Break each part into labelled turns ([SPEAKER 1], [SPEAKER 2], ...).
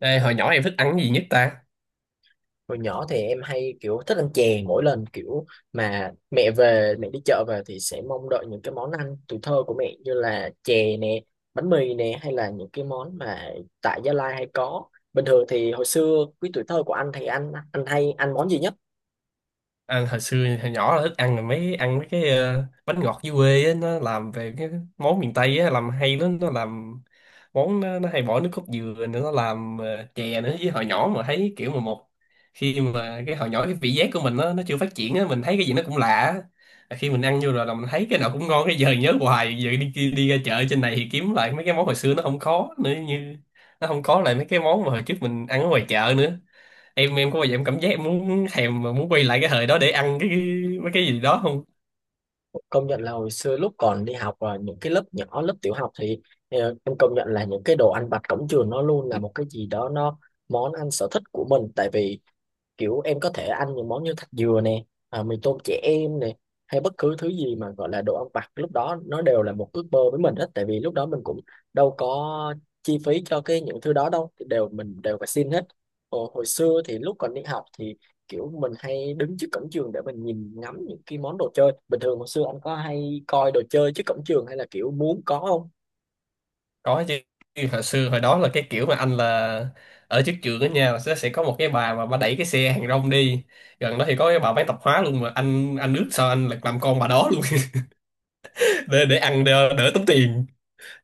[SPEAKER 1] Đây, hồi nhỏ em thích ăn cái gì nhất ta?
[SPEAKER 2] Hồi nhỏ thì em hay kiểu thích ăn chè mỗi lần kiểu mà mẹ về, mẹ đi chợ về thì sẽ mong đợi những cái món ăn tuổi thơ của mẹ như là chè nè, bánh mì nè hay là những cái món mà tại Gia Lai hay có. Bình thường thì hồi xưa cái tuổi thơ của anh thì anh hay ăn món gì nhất?
[SPEAKER 1] À, hồi xưa hồi nhỏ là thích ăn mấy cái bánh ngọt dưới quê á. Nó làm về cái món miền Tây á, làm hay lắm. Nó làm món nó hay bỏ nước cốt dừa nữa, nó làm chè nữa. Với hồi nhỏ mà thấy kiểu mà một khi mà cái hồi nhỏ cái vị giác của mình nó chưa phát triển á, mình thấy cái gì nó cũng lạ á. Và khi mình ăn vô rồi là mình thấy cái nào cũng ngon, cái giờ nhớ hoài. Giờ đi đi, đi ra chợ trên này thì kiếm lại mấy cái món hồi xưa nó không có nữa, như nó không có lại mấy cái món mà hồi trước mình ăn ở ngoài chợ nữa. Em có bao giờ em cảm giác em muốn thèm mà muốn quay lại cái thời đó để ăn cái mấy cái gì đó không?
[SPEAKER 2] Công nhận là hồi xưa lúc còn đi học ở những cái lớp nhỏ, lớp tiểu học thì em công nhận là những cái đồ ăn vặt cổng trường nó luôn là một cái gì đó, nó món ăn sở thích của mình, tại vì kiểu em có thể ăn những món như thạch dừa nè, à, mì tôm trẻ em nè, hay bất cứ thứ gì mà gọi là đồ ăn vặt lúc đó nó đều là một ước mơ với mình hết, tại vì lúc đó mình cũng đâu có chi phí cho cái những thứ đó đâu thì đều mình đều phải xin hết. Ồ, hồi xưa thì lúc còn đi học thì kiểu mình hay đứng trước cổng trường để mình nhìn ngắm những cái món đồ chơi. Bình thường hồi xưa anh có hay coi đồ chơi trước cổng trường hay là kiểu muốn có không?
[SPEAKER 1] Có chứ. Hồi xưa hồi đó là cái kiểu mà anh là ở trước trường đó nha, sẽ có một cái bà mà bà đẩy cái xe hàng rong đi gần đó. Thì có cái bà bán tạp hóa luôn mà anh ước sao anh là làm con bà đó luôn để ăn đỡ, đỡ tốn tiền.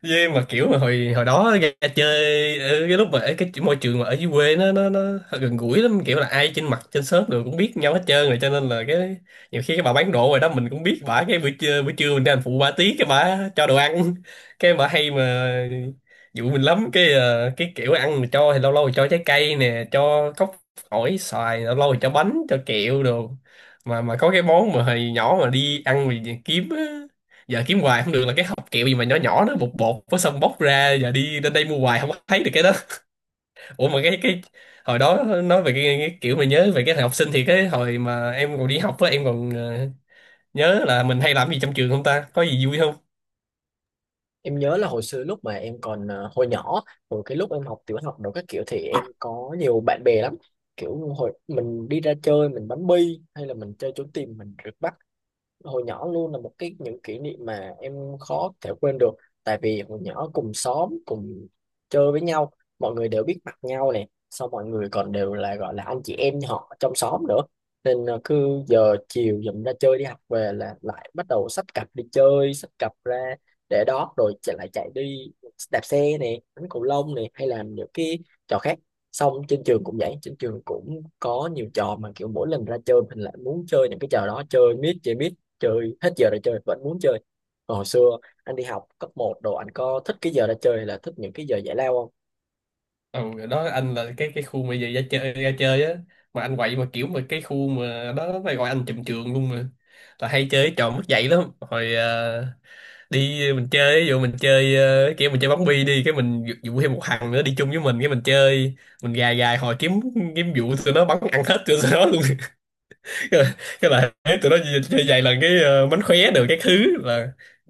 [SPEAKER 1] Với mà kiểu mà hồi hồi đó ra chơi, ở cái lúc mà ở cái môi trường mà ở dưới quê nó gần gũi lắm. Kiểu là ai trên mặt trên xóm rồi cũng biết nhau hết trơn, rồi cho nên là cái nhiều khi cái bà bán đồ rồi đó mình cũng biết bả. Cái buổi trưa mình đi hành phụ bà tí, cái bả cho đồ ăn cái bả hay dụ mình lắm. Cái cái kiểu ăn mình cho thì lâu lâu thì cho trái cây nè, cho cốc ổi xoài, lâu lâu thì cho bánh cho kẹo đồ. Mà có cái món mà hồi nhỏ mà đi ăn mà kiếm á, giờ kiếm hoài không được, là cái hộp kẹo gì mà nhỏ nhỏ nó bột bột, với xong bóc ra, giờ đi đến đây mua hoài không có thấy được cái đó. Ủa mà cái hồi đó, nói về cái kiểu mà nhớ về cái thời học sinh, thì cái hồi mà em còn đi học á, em còn nhớ là mình hay làm gì trong trường không ta, có gì vui không?
[SPEAKER 2] Em nhớ là hồi xưa lúc mà em còn hồi nhỏ, hồi cái lúc em học tiểu học đồ các kiểu thì em có nhiều bạn bè lắm. Kiểu hồi mình đi ra chơi, mình bắn bi hay là mình chơi trốn tìm, mình rượt bắt hồi nhỏ luôn là một cái những kỷ niệm mà em khó thể quên được, tại vì hồi nhỏ cùng xóm cùng chơi với nhau, mọi người đều biết mặt nhau, này sau mọi người còn đều là gọi là anh chị em họ trong xóm nữa, nên cứ giờ chiều dùm ra chơi đi học về là lại bắt đầu xách cặp đi chơi, xách cặp ra để đó rồi chạy lại chạy đi, đạp xe này, đánh cầu lông này hay làm những cái trò khác. Xong trên trường cũng vậy, trên trường cũng có nhiều trò mà kiểu mỗi lần ra chơi mình lại muốn chơi những cái trò đó, chơi miết chơi miết, chơi hết giờ ra chơi vẫn muốn chơi. Còn hồi xưa anh đi học cấp một đồ anh có thích cái giờ ra chơi hay là thích những cái giờ giải lao không?
[SPEAKER 1] Ừ rồi đó, anh là cái khu mà về ra chơi á, mà anh quậy. Mà kiểu mà cái khu mà đó phải gọi anh trùm trường luôn. Mà là hay chơi trò mất dạy lắm hồi đi. Mình chơi ví dụ mình chơi kiểu mình chơi bóng bi đi, cái mình dụ dụ thêm một thằng nữa đi chung với mình, cái mình chơi, mình gài gài hồi kiếm kiếm vụ tụi nó bắn ăn hết tụi nó luôn cái là thấy tụi nó chơi vài lần, cái mánh khóe được cái thứ là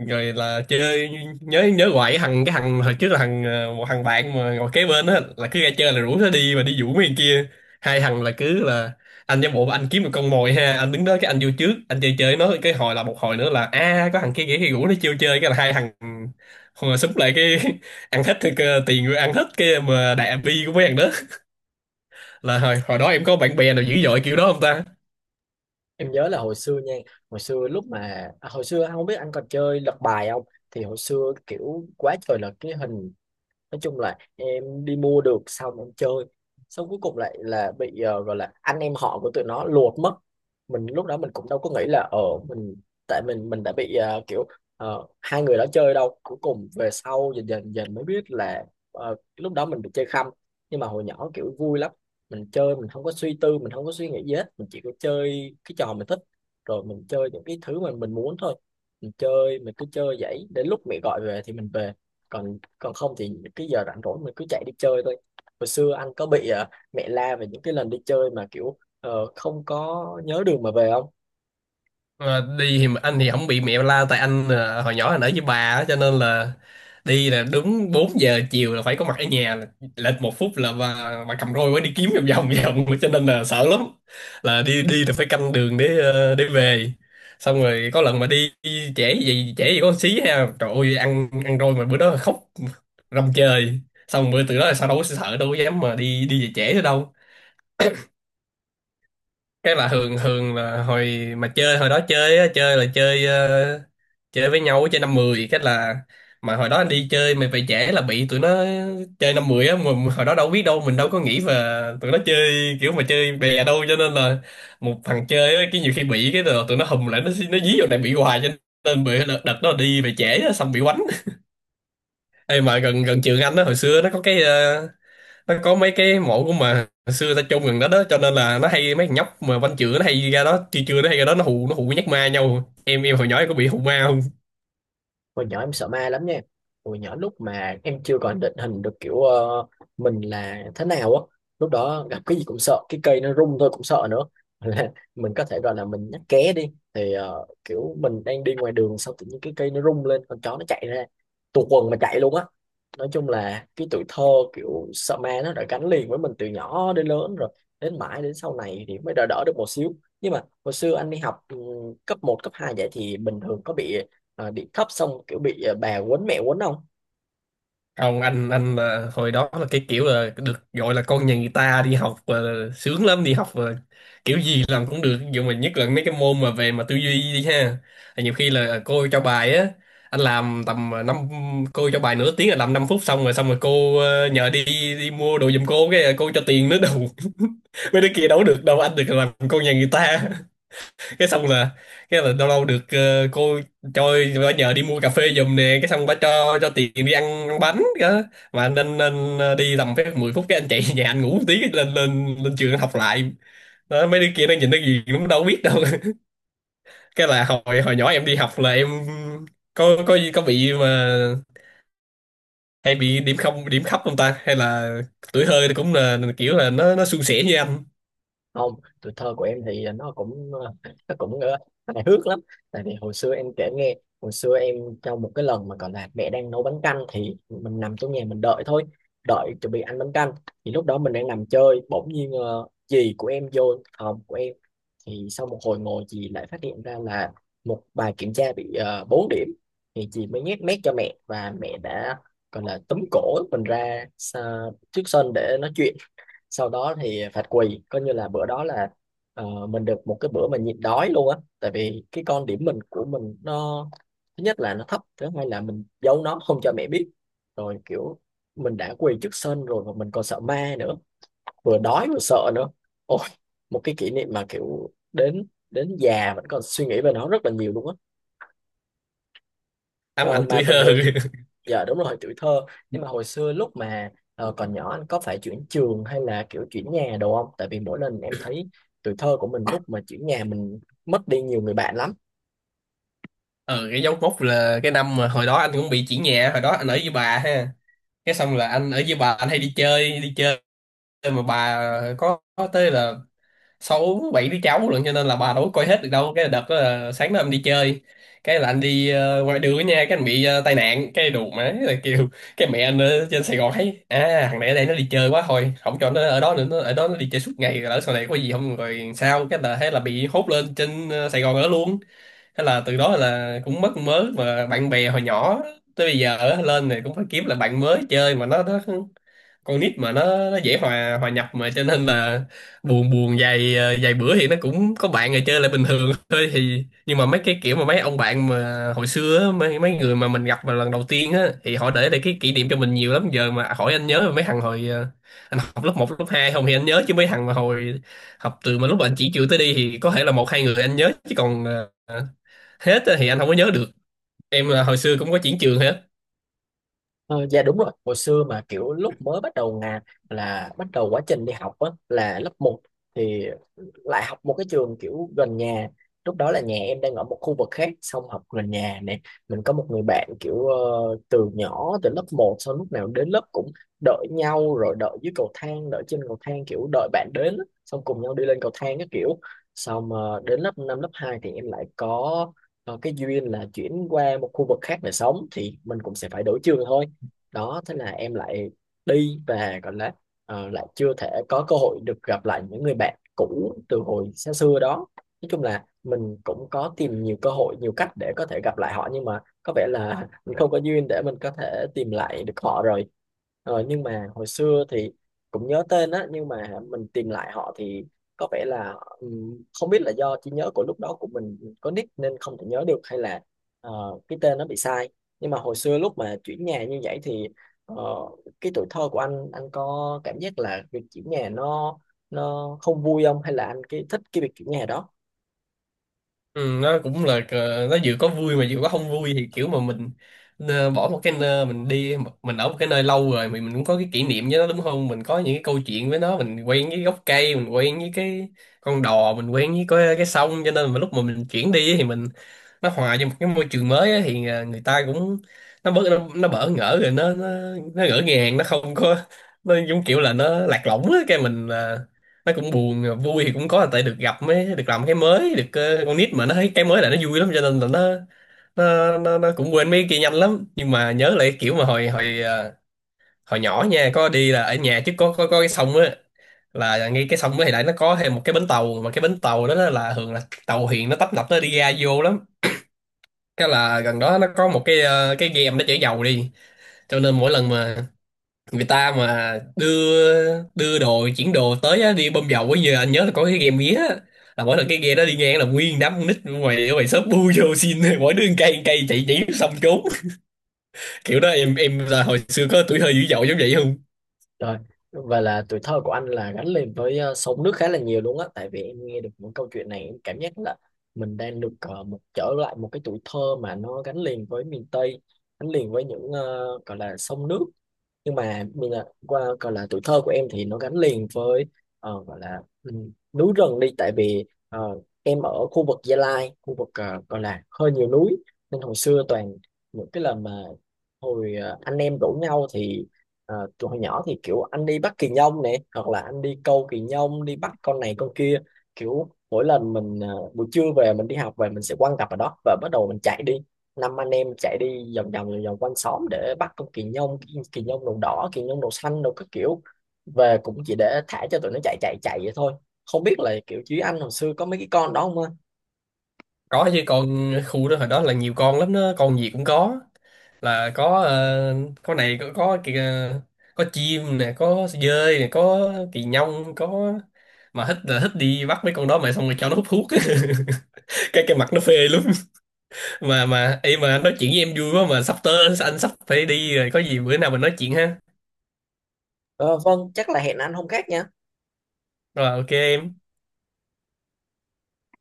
[SPEAKER 1] rồi là chơi. Nhớ nhớ hoài cái thằng hồi trước là thằng một thằng bạn mà ngồi kế bên á, là cứ ra chơi là rủ nó đi mà đi vũ mấy thằng kia. Hai thằng là cứ là anh giả bộ anh kiếm một con mồi ha, anh đứng đó, cái anh vô trước anh chơi chơi nó, cái hồi là một hồi nữa là a có thằng kia kia kia rủ nó chiêu chơi, cái là hai thằng hồi súng lại, cái ăn hết thì tiền rồi ăn hết cái mà đại bi của mấy thằng đó. Là hồi hồi đó em có bạn bè nào dữ dội kiểu đó không ta?
[SPEAKER 2] Em nhớ là hồi xưa nha, hồi xưa lúc mà hồi xưa anh không biết anh còn chơi lật bài không, thì hồi xưa kiểu quá trời là cái hình, nói chung là em đi mua được xong em chơi, xong cuối cùng lại là bị gọi là anh em họ của tụi nó lột mất. Mình lúc đó mình cũng đâu có nghĩ là ở mình, tại mình đã bị kiểu hai người đó chơi đâu, cuối cùng về sau dần dần dần mới biết là lúc đó mình bị chơi khăm. Nhưng mà hồi nhỏ kiểu vui lắm, mình chơi mình không có suy tư, mình không có suy nghĩ gì hết, mình chỉ có chơi cái trò mình thích, rồi mình chơi những cái thứ mà mình muốn thôi. Mình chơi mình cứ chơi vậy, đến lúc mẹ gọi về thì mình về, còn còn không thì cái giờ rảnh rỗi mình cứ chạy đi chơi thôi. Hồi xưa anh có bị mẹ la về những cái lần đi chơi mà kiểu không có nhớ đường mà về không?
[SPEAKER 1] Ờ, đi thì anh thì không bị mẹ la tại anh hồi nhỏ anh ở với bà á, cho nên là đi là đúng 4 giờ chiều là phải có mặt ở nhà. Là lệch 1 phút là bà cầm roi mới đi kiếm vòng vòng vòng, cho nên là sợ lắm. Là đi đi là phải canh đường để để về. Xong rồi có lần mà đi trễ gì có xí ha, trời ơi, ăn ăn roi, mà bữa đó khóc rầm trời. Xong bữa từ đó là sao đâu có sợ, đâu có dám mà đi đi về trễ nữa đâu. Chắc là Hường Hường là hồi mà chơi hồi đó chơi á, chơi là chơi chơi với nhau, chơi năm mười cách là. Mà hồi đó anh đi chơi mày về trễ là bị tụi nó chơi năm mười á, mình hồi đó đâu biết đâu, mình đâu có nghĩ về tụi nó chơi kiểu mà chơi bè đâu, cho nên là một thằng chơi á cái nhiều khi bị cái rồi tụi nó hùm lại, nó dí vào này bị hoài, cho nên bị đợt đó đi về trễ á, xong bị quánh. Ê mà gần gần trường anh đó hồi xưa nó có cái nó có mấy cái mộ của mà hồi xưa ta chôn gần đó đó, cho nên là nó hay, mấy thằng nhóc mà văn chữa nó hay ra đó chưa chưa nó hay ra đó nó hù nhắc ma nhau. Em hồi nhỏ em có bị hù ma
[SPEAKER 2] Hồi nhỏ em sợ ma lắm nha. Hồi nhỏ lúc mà em chưa còn định hình được kiểu mình là thế nào á. Lúc đó gặp cái gì cũng sợ. Cái cây nó rung thôi cũng sợ nữa. Là mình có thể gọi là mình nhắc ké đi. Thì kiểu mình đang đi ngoài đường xong tự nhiên cái cây nó rung lên. Con chó nó chạy ra. Tuột quần mà chạy luôn á. Nói chung là cái tuổi thơ kiểu sợ ma nó đã gắn liền với mình từ nhỏ đến lớn rồi. Đến mãi đến sau này thì mới đỡ đỡ được một xíu. Nhưng mà hồi xưa anh đi học cấp một, cấp 2 vậy thì bình thường có bị đi thấp xong kiểu bị bà quấn mẹ quấn không?
[SPEAKER 1] không? Anh là hồi đó là cái kiểu là được gọi là con nhà người ta đi học, sướng lắm. Đi học kiểu gì làm cũng được, nhưng mà nhất là mấy cái môn mà về mà tư duy đi ha. Thì nhiều khi là cô cho bài á, anh làm tầm năm, cô cho bài nửa tiếng là làm 5 phút xong rồi. Xong rồi cô nhờ đi đi mua đồ giùm cô, cái cô cho tiền nữa đâu mấy đứa kia đâu có được đâu, anh được làm con nhà người ta. Cái xong là cái là lâu lâu được cô cho bà nhờ đi mua cà phê giùm nè, cái xong bà cho tiền đi ăn, ăn bánh đó. Mà anh đi tầm phép 10 phút cái anh chạy về nhà anh ngủ một tí, cái lên lên lên trường học lại đó. Mấy đứa kia nó nhìn nó gì cũng đâu biết đâu cái là hồi hồi nhỏ em đi học là em có bị mà hay bị điểm không điểm thấp không ta, hay là tuổi thơ thì cũng là kiểu là nó suôn sẻ như anh?
[SPEAKER 2] Không, tuổi thơ của em thì nó cũng nó cũng hài hước lắm, tại vì hồi xưa em kể nghe. Hồi xưa em, trong một cái lần mà còn là mẹ đang nấu bánh canh thì mình nằm trong nhà mình đợi thôi, đợi chuẩn bị ăn bánh canh. Thì lúc đó mình đang nằm chơi bỗng nhiên dì của em vô phòng của em. Thì sau một hồi ngồi dì lại phát hiện ra là một bài kiểm tra bị 4 điểm. Thì dì mới nhét mép cho mẹ và mẹ đã gọi là túm cổ mình ra xa, trước sân để nói chuyện. Sau đó thì phạt quỳ, coi như là bữa đó là mình được một cái bữa mà nhịn đói luôn á, tại vì cái con điểm mình của mình nó, thứ nhất là nó thấp, thứ hai là mình giấu nó không cho mẹ biết. Rồi kiểu mình đã quỳ trước sân rồi mà mình còn sợ ma nữa, vừa đói vừa sợ nữa, ôi, một cái kỷ niệm mà kiểu đến đến già vẫn còn suy nghĩ về nó rất là nhiều luôn á.
[SPEAKER 1] anh
[SPEAKER 2] Ờ,
[SPEAKER 1] anh
[SPEAKER 2] mà
[SPEAKER 1] tuổi
[SPEAKER 2] bình
[SPEAKER 1] thơ
[SPEAKER 2] thường. Dạ đúng rồi, tuổi thơ. Nhưng mà hồi xưa lúc mà còn nhỏ anh có phải chuyển trường hay là kiểu chuyển nhà đồ không? Tại vì mỗi lần em thấy tuổi thơ của mình lúc mà chuyển nhà, mình mất đi nhiều người bạn lắm.
[SPEAKER 1] ờ, cái dấu mốc là cái năm mà hồi đó anh cũng bị chuyển nhà. Hồi đó anh ở với bà ha, cái xong là anh ở với bà, anh hay đi chơi. Mà bà có tới là sáu bảy đứa cháu lận, cho nên là bà đâu có coi hết được đâu. Cái đợt đó là sáng đó em đi chơi, cái là anh đi ngoài đường nha, cái anh bị tai nạn. Cái đù má là kêu, cái mẹ anh ở trên Sài Gòn thấy, à thằng này ở đây nó đi chơi quá, thôi không cho nó ở đó nữa, nó ở đó nó đi chơi suốt ngày lỡ sau này có gì không rồi sao. Cái là thế là bị hốt lên trên Sài Gòn ở luôn. Thế là từ đó là cũng mất mớ mà bạn bè hồi nhỏ. Tới bây giờ ở lên này cũng phải kiếm lại bạn mới chơi, mà nó con nít mà nó dễ hòa hòa nhập, mà cho nên là buồn buồn vài vài bữa thì nó cũng có bạn rồi chơi lại bình thường thôi. Thì nhưng mà mấy cái kiểu mà mấy ông bạn mà hồi xưa á, mấy mấy người mà mình gặp mà lần đầu tiên á, thì họ để lại cái kỷ niệm cho mình nhiều lắm. Giờ mà hỏi anh nhớ mấy thằng hồi anh học lớp một lớp 2 không, thì anh nhớ chứ. Mấy thằng mà hồi học từ mà lúc anh chỉ trường tới đi thì có thể là một hai người anh nhớ chứ còn ờ, hết á thì anh không có nhớ được. Em là hồi xưa cũng có chuyển trường?
[SPEAKER 2] Ờ, dạ đúng rồi, hồi xưa mà kiểu lúc mới bắt đầu ngà, là bắt đầu quá trình đi học á là lớp một, thì lại học một cái trường kiểu gần nhà. Lúc đó là nhà em đang ở một khu vực khác xong học gần nhà nè. Mình có một người bạn kiểu từ nhỏ từ lớp một, sau lúc nào đến lớp cũng đợi nhau, rồi đợi dưới cầu thang, đợi trên cầu thang, kiểu đợi bạn đến á, xong cùng nhau đi lên cầu thang cái kiểu. Xong đến lớp 5 lớp 2 thì em lại có cái duyên là chuyển qua một khu vực khác để sống, thì mình cũng sẽ phải đổi trường thôi. Đó, thế là em lại đi và gọi là lại chưa thể có cơ hội được gặp lại những người bạn cũ từ hồi xa xưa đó. Nói chung là mình cũng có tìm nhiều cơ hội, nhiều cách để có thể gặp lại họ, nhưng mà có vẻ là mình không có duyên để mình có thể tìm lại được họ rồi. Ờ, nhưng mà hồi xưa thì cũng nhớ tên á, nhưng mà mình tìm lại họ thì có vẻ là không biết là do trí nhớ của lúc đó của mình có nick nên không thể nhớ được, hay là ờ, cái tên nó bị sai. Nhưng mà hồi xưa lúc mà chuyển nhà như vậy thì ờ, cái tuổi thơ của anh có cảm giác là việc chuyển nhà nó không vui không, hay là anh cái thích cái việc chuyển nhà đó?
[SPEAKER 1] Ừ, nó cũng là nó vừa có vui mà vừa có không vui. Thì kiểu mà mình bỏ một cái nơi mình đi, mình ở một cái nơi lâu rồi, mình cũng có cái kỷ niệm với nó đúng không, mình có những cái câu chuyện với nó, mình quen với gốc cây, mình quen với cái con đò, mình quen với cái sông. Cho nên mà lúc mà mình chuyển đi thì mình nó hòa vô một cái môi trường mới á, thì à, người ta cũng nó bớt nó bỡ ngỡ rồi nó nó ngỡ ngàng, nó không có, nó giống kiểu là nó lạc lõng á. Cái mình à, nó cũng buồn. À, vui thì cũng có là tại được gặp mới được làm cái mới được con nít mà nó thấy cái mới là nó vui lắm, cho nên là nó cũng quên mấy cái kia nhanh lắm. Nhưng mà nhớ lại kiểu mà hồi hồi à, hồi nhỏ nha, có đi là ở nhà trước có cái sông á. Là ngay cái sông đó thì lại nó có thêm một cái bến tàu, mà cái bến tàu đó là thường là tàu thuyền nó tấp nập nó đi ra vô lắm. Cái là gần đó nó có một cái cái game nó chở dầu đi. Cho nên mỗi lần mà người ta mà đưa đưa đồ chuyển đồ tới á, đi bơm dầu á, giờ anh nhớ là có cái game mía á. Là mỗi lần cái game đó đi ngang là nguyên đám con nít ở ngoài shop bu vô xin mỗi đứa một cây, một cây chạy chỉ xong trốn kiểu đó. Em là hồi xưa có tuổi thơ dữ dội giống vậy không?
[SPEAKER 2] Rồi và là tuổi thơ của anh là gắn liền với sông nước khá là nhiều luôn á, tại vì em nghe được những câu chuyện này em cảm giác là mình đang được một trở lại một cái tuổi thơ mà nó gắn liền với miền Tây, gắn liền với những gọi là sông nước. Nhưng mà mình là qua gọi là tuổi thơ của em thì nó gắn liền với gọi là núi rừng đi, tại vì em ở khu vực Gia Lai, khu vực gọi là hơi nhiều núi. Nên hồi xưa toàn những cái lần mà hồi anh em rủ nhau thì tụi hồi nhỏ thì kiểu anh đi bắt kỳ nhông nè, hoặc là anh đi câu kỳ nhông, đi bắt con này con kia, kiểu mỗi lần mình buổi trưa về mình đi học về, mình sẽ quăng cặp ở đó và bắt đầu mình chạy đi. Năm anh em chạy đi vòng vòng vòng vòng quanh xóm để bắt con kỳ nhông, kỳ nhông đầu đỏ, kỳ nhông đầu xanh đồ các kiểu, về cũng chỉ để thả cho tụi nó chạy chạy chạy vậy thôi. Không biết là kiểu chứ anh hồi xưa có mấy cái con đó không anh?
[SPEAKER 1] Có chứ, con khu đó hồi đó là nhiều con lắm đó, con gì cũng có. Là có có này có kìa, có chim nè, có dơi nè, có kỳ nhông có. Mà thích là thích đi bắt mấy con đó, mà xong rồi cho nó hút thuốc cái mặt nó phê lắm. Mà anh nói chuyện với em vui quá mà sắp tới anh sắp phải đi rồi, có gì bữa nào mình nói chuyện ha.
[SPEAKER 2] Ờ, vâng, chắc là hẹn anh hôm khác nha.
[SPEAKER 1] Rồi, OK em.